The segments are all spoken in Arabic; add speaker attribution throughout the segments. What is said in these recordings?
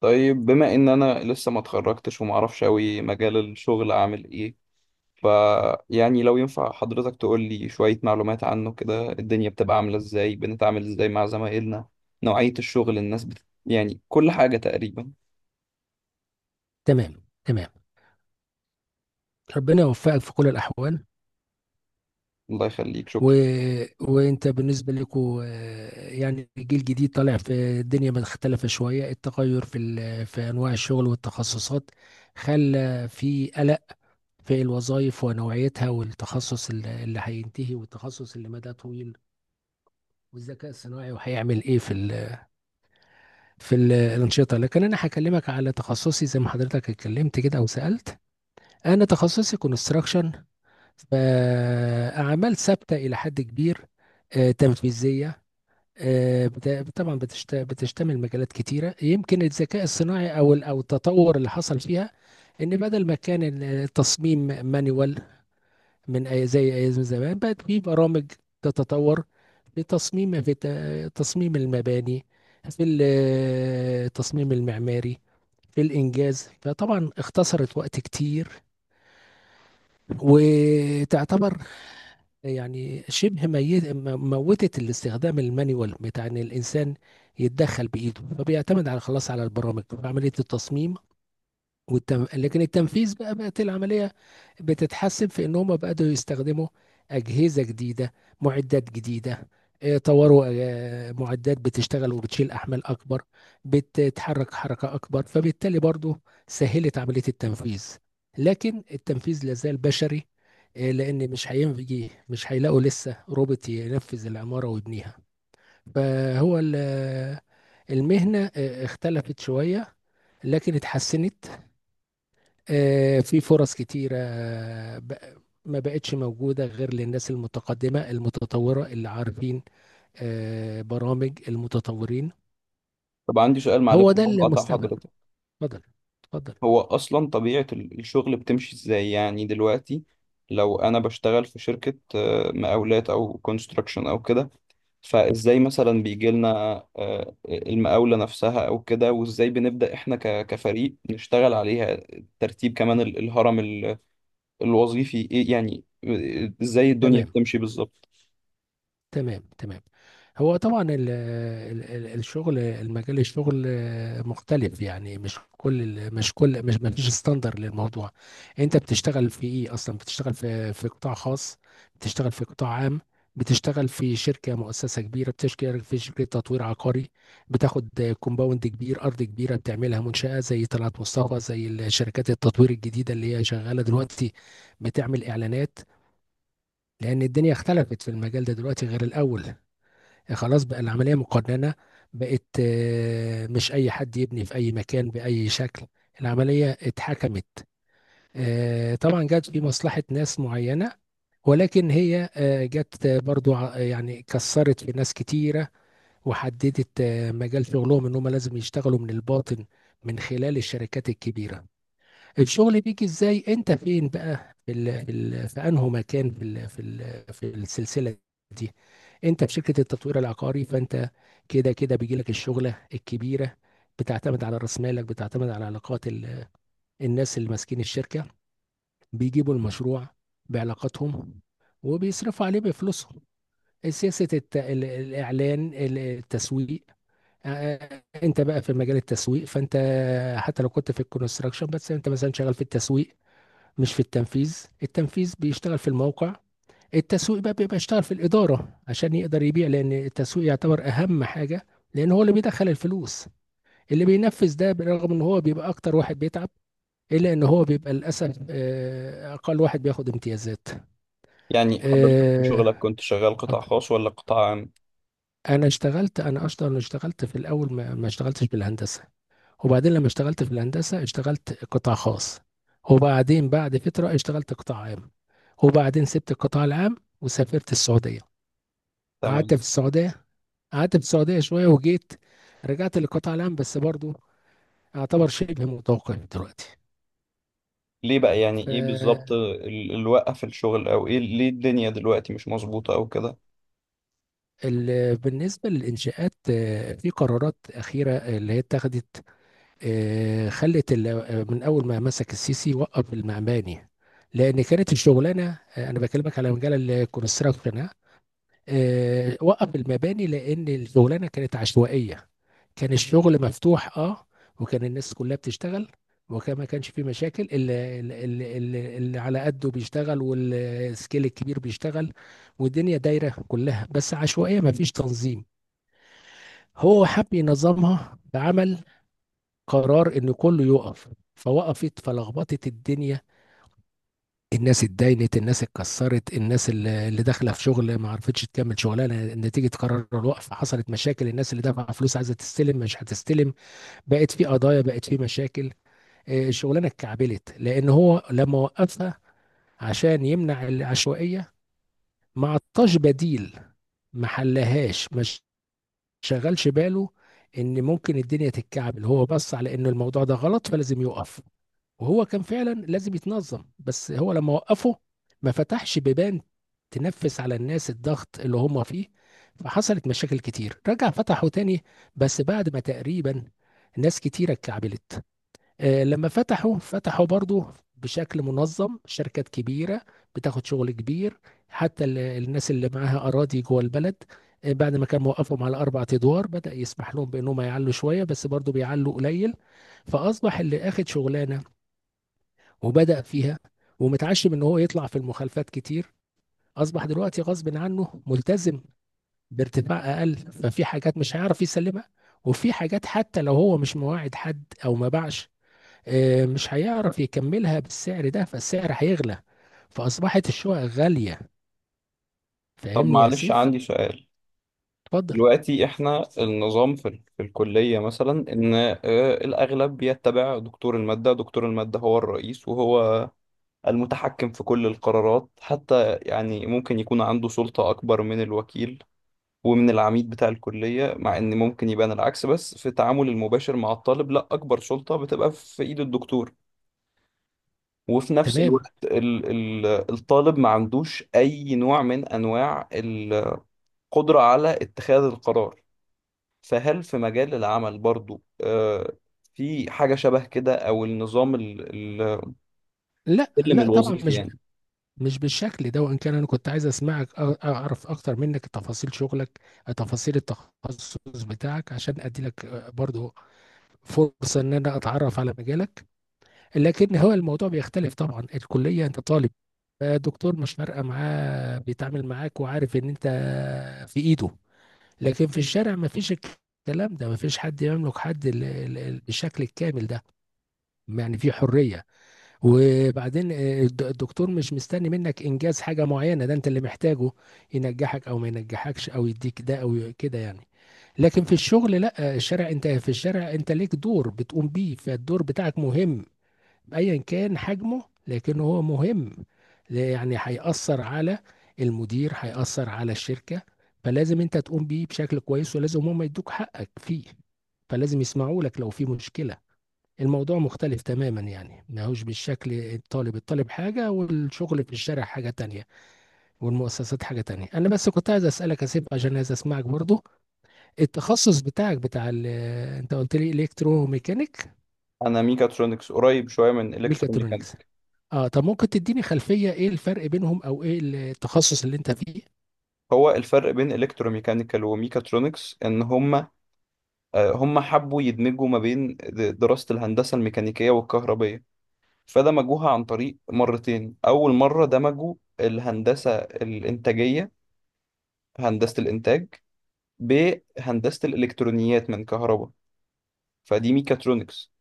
Speaker 1: طيب بما ان انا لسه ما اتخرجتش وما اعرفش قوي مجال الشغل اعمل ايه. ف يعني لو ينفع حضرتك تقول لي شوية معلومات عنه كده، الدنيا بتبقى عاملة ازاي، بنتعامل ازاي مع زمايلنا، نوعية الشغل، الناس يعني كل حاجة تقريبا.
Speaker 2: تمام تمام. ربنا يوفقك في كل الأحوال.
Speaker 1: الله يخليك،
Speaker 2: و...
Speaker 1: شكرا.
Speaker 2: وأنت بالنسبة لكم، يعني جيل جديد طالع في الدنيا مختلفة شوية. التغير في في أنواع الشغل والتخصصات خلى في قلق في الوظائف ونوعيتها، والتخصص اللي هينتهي، والتخصص اللي مدى طويل، والذكاء الصناعي، وهيعمل ايه في الانشطه لكن انا هكلمك على تخصصي، زي ما حضرتك اتكلمت كده او سالت. انا تخصصي كونستراكشن، فأعمال ثابتة إلى حد كبير، تنفيذية. طبعا بتشتمل مجالات كتيرة، يمكن الذكاء الصناعي أو التطور اللي حصل فيها، إن بدل ما كان التصميم مانيوال، زي أيام زمان بقت في برامج تتطور، في تصميم المباني، في التصميم المعماري، في الإنجاز. فطبعا اختصرت وقت كتير، وتعتبر يعني شبه موتت الاستخدام المانيوال بتاع ان الانسان يتدخل بايده، فبيعتمد على خلاص على البرامج في عمليه التصميم. لكن التنفيذ بقى بقت العملية بتتحسن، في إن هم بدأوا يستخدموا أجهزة جديدة، معدات جديدة. طوروا معدات بتشتغل وبتشيل أحمال أكبر، بتتحرك حركة أكبر، فبالتالي برضو سهلت عملية التنفيذ. لكن التنفيذ لازال بشري، لأن مش هيلاقوا لسه روبوت ينفذ العمارة ويبنيها. فهو ال- المهنة اختلفت شوية، لكن اتحسنت. في فرص كتيرة، بق- ما بقتش موجودة غير للناس المتقدمة المتطورة، اللي عارفين برامج المتطورين.
Speaker 1: طب عندي سؤال، معلش
Speaker 2: هو ده
Speaker 1: بقطع
Speaker 2: المستقبل.
Speaker 1: حضرتك.
Speaker 2: اتفضل، اتفضل.
Speaker 1: هو اصلا طبيعة الشغل بتمشي ازاي يعني دلوقتي؟ لو انا بشتغل في شركة مقاولات او كونستراكشن او كده، فازاي مثلا بيجي لنا المقاولة نفسها او كده، وازاي بنبدأ احنا كفريق نشتغل عليها؟ ترتيب كمان الهرم الوظيفي ايه؟ يعني ازاي الدنيا
Speaker 2: تمام
Speaker 1: بتمشي بالظبط؟
Speaker 2: تمام تمام. هو طبعا ال ال ال الشغل، المجال الشغل مختلف، يعني مش كل ال- مش كل مش ما فيش ستاندر للموضوع. انت بتشتغل في ايه اصلا؟ بتشتغل في قطاع خاص؟ بتشتغل في قطاع عام؟ بتشتغل في شركة، مؤسسة كبيرة؟ بتشتغل في شركة تطوير عقاري، بتاخد كومباوند كبير، أرض كبيرة بتعملها منشأة، زي طلعت مصطفى، زي الشركات التطوير الجديدة اللي هي شغالة دلوقتي، بتعمل إعلانات؟ لأن الدنيا اختلفت في المجال ده دلوقتي غير الأول. خلاص، بقى العملية مقننة، بقت مش أي حد يبني في أي مكان بأي شكل، العملية اتحكمت. طبعا جت في مصلحة ناس معينة، ولكن هي جت برضو يعني كسرت في ناس كتيرة، وحددت مجال شغلهم، إن هم لازم يشتغلوا من الباطن، من خلال الشركات الكبيرة. الشغل بيجي ازاي؟ انت فين بقى في انه مكان، في السلسله دي؟ انت في شركه التطوير العقاري، فانت كده كده بيجي لك الشغله الكبيره، بتعتمد على راس مالك، بتعتمد على علاقات الناس اللي ماسكين الشركه، بيجيبوا المشروع بعلاقاتهم، وبيصرفوا عليه بفلوسهم. سياسه الاعلان، التسويق. انت بقى في مجال التسويق، فانت حتى لو كنت في الكونستراكشن، بس انت مثلا شغال في التسويق مش في التنفيذ. التنفيذ بيشتغل في الموقع، التسويق بقى بيبقى يشتغل في الإدارة عشان يقدر يبيع، لأن التسويق يعتبر أهم حاجة، لأن هو اللي بيدخل الفلوس. اللي بينفذ ده، برغم ان هو بيبقى اكتر واحد بيتعب، الا ان هو بيبقى للاسف اقل واحد بياخد امتيازات.
Speaker 1: يعني حضرتك في
Speaker 2: آه،
Speaker 1: شغلك كنت شغال قطاع
Speaker 2: اتفضل.
Speaker 1: خاص ولا قطاع عام؟
Speaker 2: انا اصلا اشتغلت في الاول، ما اشتغلتش بالهندسة. وبعدين لما اشتغلت في الهندسة، اشتغلت قطاع خاص، وبعدين بعد فترة اشتغلت قطاع عام، وبعدين سبت القطاع العام وسافرت السعودية، قعدت
Speaker 1: تمام.
Speaker 2: في السعودية قعدت في السعودية شوية وجيت. رجعت للقطاع العام، بس برضو اعتبر شبه متوقف دلوقتي.
Speaker 1: ليه بقى يعني، ايه بالظبط اللي وقف الشغل او ايه؟ ليه الدنيا دلوقتي مش مظبوطة او كده؟
Speaker 2: فبالنسبة للإنشاءات، في قرارات أخيرة اللي هي اتخذت. آه، خلت ال- آه، من أول ما مسك السيسي وقف المعماري، لأن كانت الشغلانة، أنا بكلمك على مجال الكونستراكشن، وقف المباني، لان الشغلانه كانت عشوائيه. كان الشغل مفتوح، اه. وكان الناس كلها بتشتغل، وكان ما كانش فيه مشاكل. اللي على قده بيشتغل، والسكيل الكبير بيشتغل، والدنيا دايره كلها، بس عشوائيه، ما فيش تنظيم. هو حب ينظمها، بعمل قرار ان كله يقف. فوقفت، فلخبطت الدنيا. الناس اتداينت، الناس اتكسرت، الناس اللي داخله في شغل ما عرفتش تكمل شغلها نتيجه قرار الوقف، حصلت مشاكل، الناس اللي دافعه فلوس عايزه تستلم مش هتستلم، بقت في قضايا، بقت في مشاكل. الشغلانه اتكعبلت، لان هو لما وقفها عشان يمنع العشوائيه ما عطاش بديل، ما حلهاش، ما شغلش باله ان ممكن الدنيا تتكعبل. هو بص على ان الموضوع ده غلط، فلازم يوقف. وهو كان فعلا لازم يتنظم، بس هو لما وقفه ما فتحش بيبان تنفس على الناس الضغط اللي هم فيه، فحصلت مشاكل كتير. رجع فتحه تاني، بس بعد ما تقريبا ناس كتيرة اتكعبلت. لما فتحوا، فتحوا برضو بشكل منظم، شركات كبيرة بتاخد شغل كبير. حتى الناس اللي معاها أراضي جوه البلد، بعد ما كان موقفهم على 4 أدوار، بدأ يسمح لهم بأنهم يعلوا شوية، بس برضو بيعلوا قليل. فأصبح اللي أخد شغلانة وبدأ فيها ومتعشم ان هو يطلع في المخالفات كتير، اصبح دلوقتي غصب عنه ملتزم بارتفاع اقل. ففي حاجات مش هيعرف يسلمها، وفي حاجات حتى لو هو مش مواعد حد او ما باعش، مش هيعرف يكملها بالسعر ده، فالسعر هيغلى، فاصبحت الشقق غالية.
Speaker 1: طب
Speaker 2: فاهمني يا
Speaker 1: معلش
Speaker 2: سيف؟
Speaker 1: عندي سؤال.
Speaker 2: اتفضل.
Speaker 1: دلوقتي احنا النظام في في الكلية مثلا ان الاغلب يتبع دكتور المادة، دكتور المادة هو الرئيس، وهو المتحكم في كل القرارات، حتى يعني ممكن يكون عنده سلطة اكبر من الوكيل ومن العميد بتاع الكلية، مع ان ممكن يبان العكس، بس في التعامل المباشر مع الطالب لا، اكبر سلطة بتبقى في ايد الدكتور. وفي نفس
Speaker 2: تمام.
Speaker 1: الوقت ال ال الطالب ما عندوش اي نوع من انواع القدرة على اتخاذ القرار. فهل في مجال العمل برضو في حاجة شبه كده، أو النظام
Speaker 2: لا،
Speaker 1: السلم
Speaker 2: لا طبعا،
Speaker 1: الوظيفي يعني؟
Speaker 2: مش بالشكل ده. وان كان انا كنت عايز اسمعك، اعرف اكتر منك تفاصيل شغلك، تفاصيل التخصص بتاعك، عشان ادي لك برضو فرصه ان انا اتعرف على مجالك. لكن هو الموضوع بيختلف. طبعا الكليه انت طالب، الدكتور مش فارقه معاه، بيتعامل معاك وعارف ان انت في ايده. لكن في الشارع ما فيش الكلام ده، ما فيش حد يملك حد بالشكل الكامل ده. يعني في حريه. وبعدين الدكتور مش مستني منك انجاز حاجه معينه، ده انت اللي محتاجه ينجحك او ما ينجحكش، او يديك ده او كده، يعني. لكن في الشغل، لا، الشارع، انت في الشارع انت ليك دور بتقوم بيه، فالدور بتاعك مهم ايا كان حجمه، لكن هو مهم. يعني هيأثر على المدير، هيأثر على الشركة، فلازم انت تقوم بيه بشكل كويس، ولازم هم يدوك حقك فيه، فلازم يسمعوا لك لو في مشكلة. الموضوع مختلف تماما، يعني ما هوش بالشكل. الطالب. الطالب حاجة، والشغل في الشارع حاجة تانية، والمؤسسات حاجة تانية. انا بس كنت عايز اسألك اسيب، عشان عايز اسمعك برضو. التخصص بتاعك بتاع ال آه، انت قلت لي الكترو ميكانيك.
Speaker 1: أنا ميكاترونكس، قريب شوية من
Speaker 2: ميكاترونكس،
Speaker 1: إلكتروميكانيك.
Speaker 2: اه. طب ممكن تديني خلفية ايه الفرق بينهم، او ايه التخصص اللي انت فيه؟
Speaker 1: هو الفرق بين إلكتروميكانيكال وميكاترونكس إن هما هما حبوا يدمجوا ما بين دراسة الهندسة الميكانيكية والكهربية، فدمجوها عن طريق مرتين. أول مرة دمجوا الهندسة الإنتاجية، هندسة الإنتاج، بهندسة الإلكترونيات من كهرباء، فدي ميكاترونكس.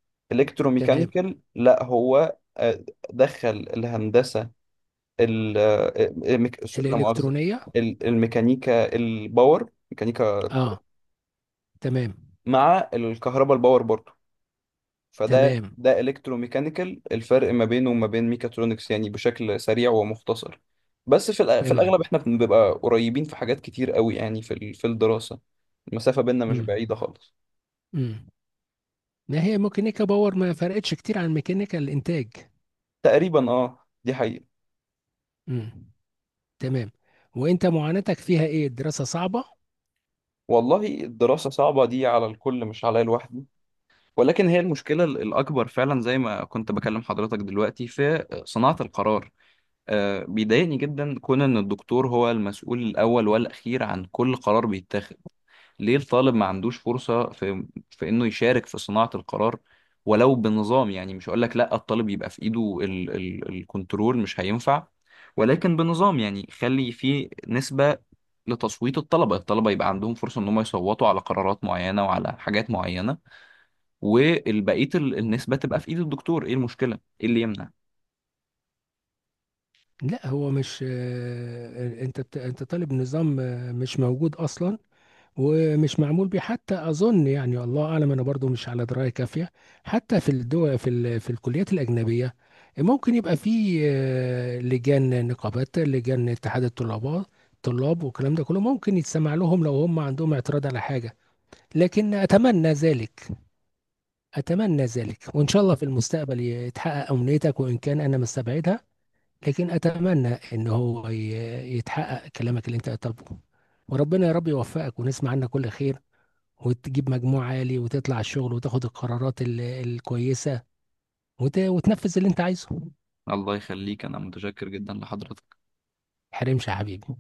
Speaker 2: تمام.
Speaker 1: الكتروميكانيكال لا، هو دخل الهندسه ال- آه، لا مؤاخذه،
Speaker 2: الالكترونية.
Speaker 1: الميكانيكا الباور، ميكانيكا القوة،
Speaker 2: اه. تمام.
Speaker 1: مع الكهرباء الباور برضو،
Speaker 2: تمام
Speaker 1: ده الكتروميكانيكال. الفرق ما بينه وما بين ميكاترونكس يعني بشكل سريع ومختصر. بس في في
Speaker 2: تمام.
Speaker 1: الاغلب احنا بنبقى قريبين في حاجات كتير قوي يعني، في في الدراسه المسافه بيننا مش
Speaker 2: امم.
Speaker 1: بعيده خالص.
Speaker 2: امم. ما هي ميكانيكا باور ما فرقتش كتير عن ميكانيكا الانتاج.
Speaker 1: تقريبا اه، دي حقيقه.
Speaker 2: امم. تمام. وانت معاناتك فيها ايه؟ الدراسة صعبة؟
Speaker 1: والله الدراسة صعبة، دي على الكل مش عليا لوحدي، ولكن هي المشكلة الأكبر فعلا، زي ما كنت بكلم حضرتك دلوقتي، في صناعة القرار. بيضايقني جدا كون إن الدكتور هو المسؤول الأول والأخير عن كل قرار بيتاخد. ليه الطالب ما عندوش فرصة في انه يشارك في صناعة القرار؟ ولو بنظام يعني، مش هقول لك لا الطالب يبقى في ايده ال ال الكنترول، مش هينفع. ولكن بنظام يعني، خلي فيه نسبة لتصويت الطلبة، الطلبة يبقى عندهم فرصة ان هم يصوتوا على قرارات معينة وعلى حاجات معينة، والبقية النسبة تبقى في ايد الدكتور. ايه المشكلة، ايه اللي يمنع؟
Speaker 2: لا، هو مش، انت طالب نظام مش موجود اصلا، ومش معمول بيه حتى اظن، يعني الله اعلم، انا برضو مش على درايه كافيه. حتى في الدول، في الكليات الاجنبيه، ممكن يبقى في لجان، نقابات، لجان اتحاد الطلاب، طلاب والكلام ده كله، ممكن يتسمع لهم لو هم عندهم اعتراض على حاجه. لكن اتمنى ذلك، اتمنى ذلك، وان شاء الله في المستقبل يتحقق امنيتك، وان كان انا مستبعدها. لكن اتمنى ان هو يتحقق كلامك اللي انت طالبه. وربنا يا رب يوفقك، ونسمع عنك كل خير، وتجيب مجموع عالي، وتطلع الشغل، وتاخد القرارات الكويسة، وتنفذ اللي انت عايزه.
Speaker 1: الله يخليك، انا متشكر جدا لحضرتك.
Speaker 2: حرمش يا حبيبي.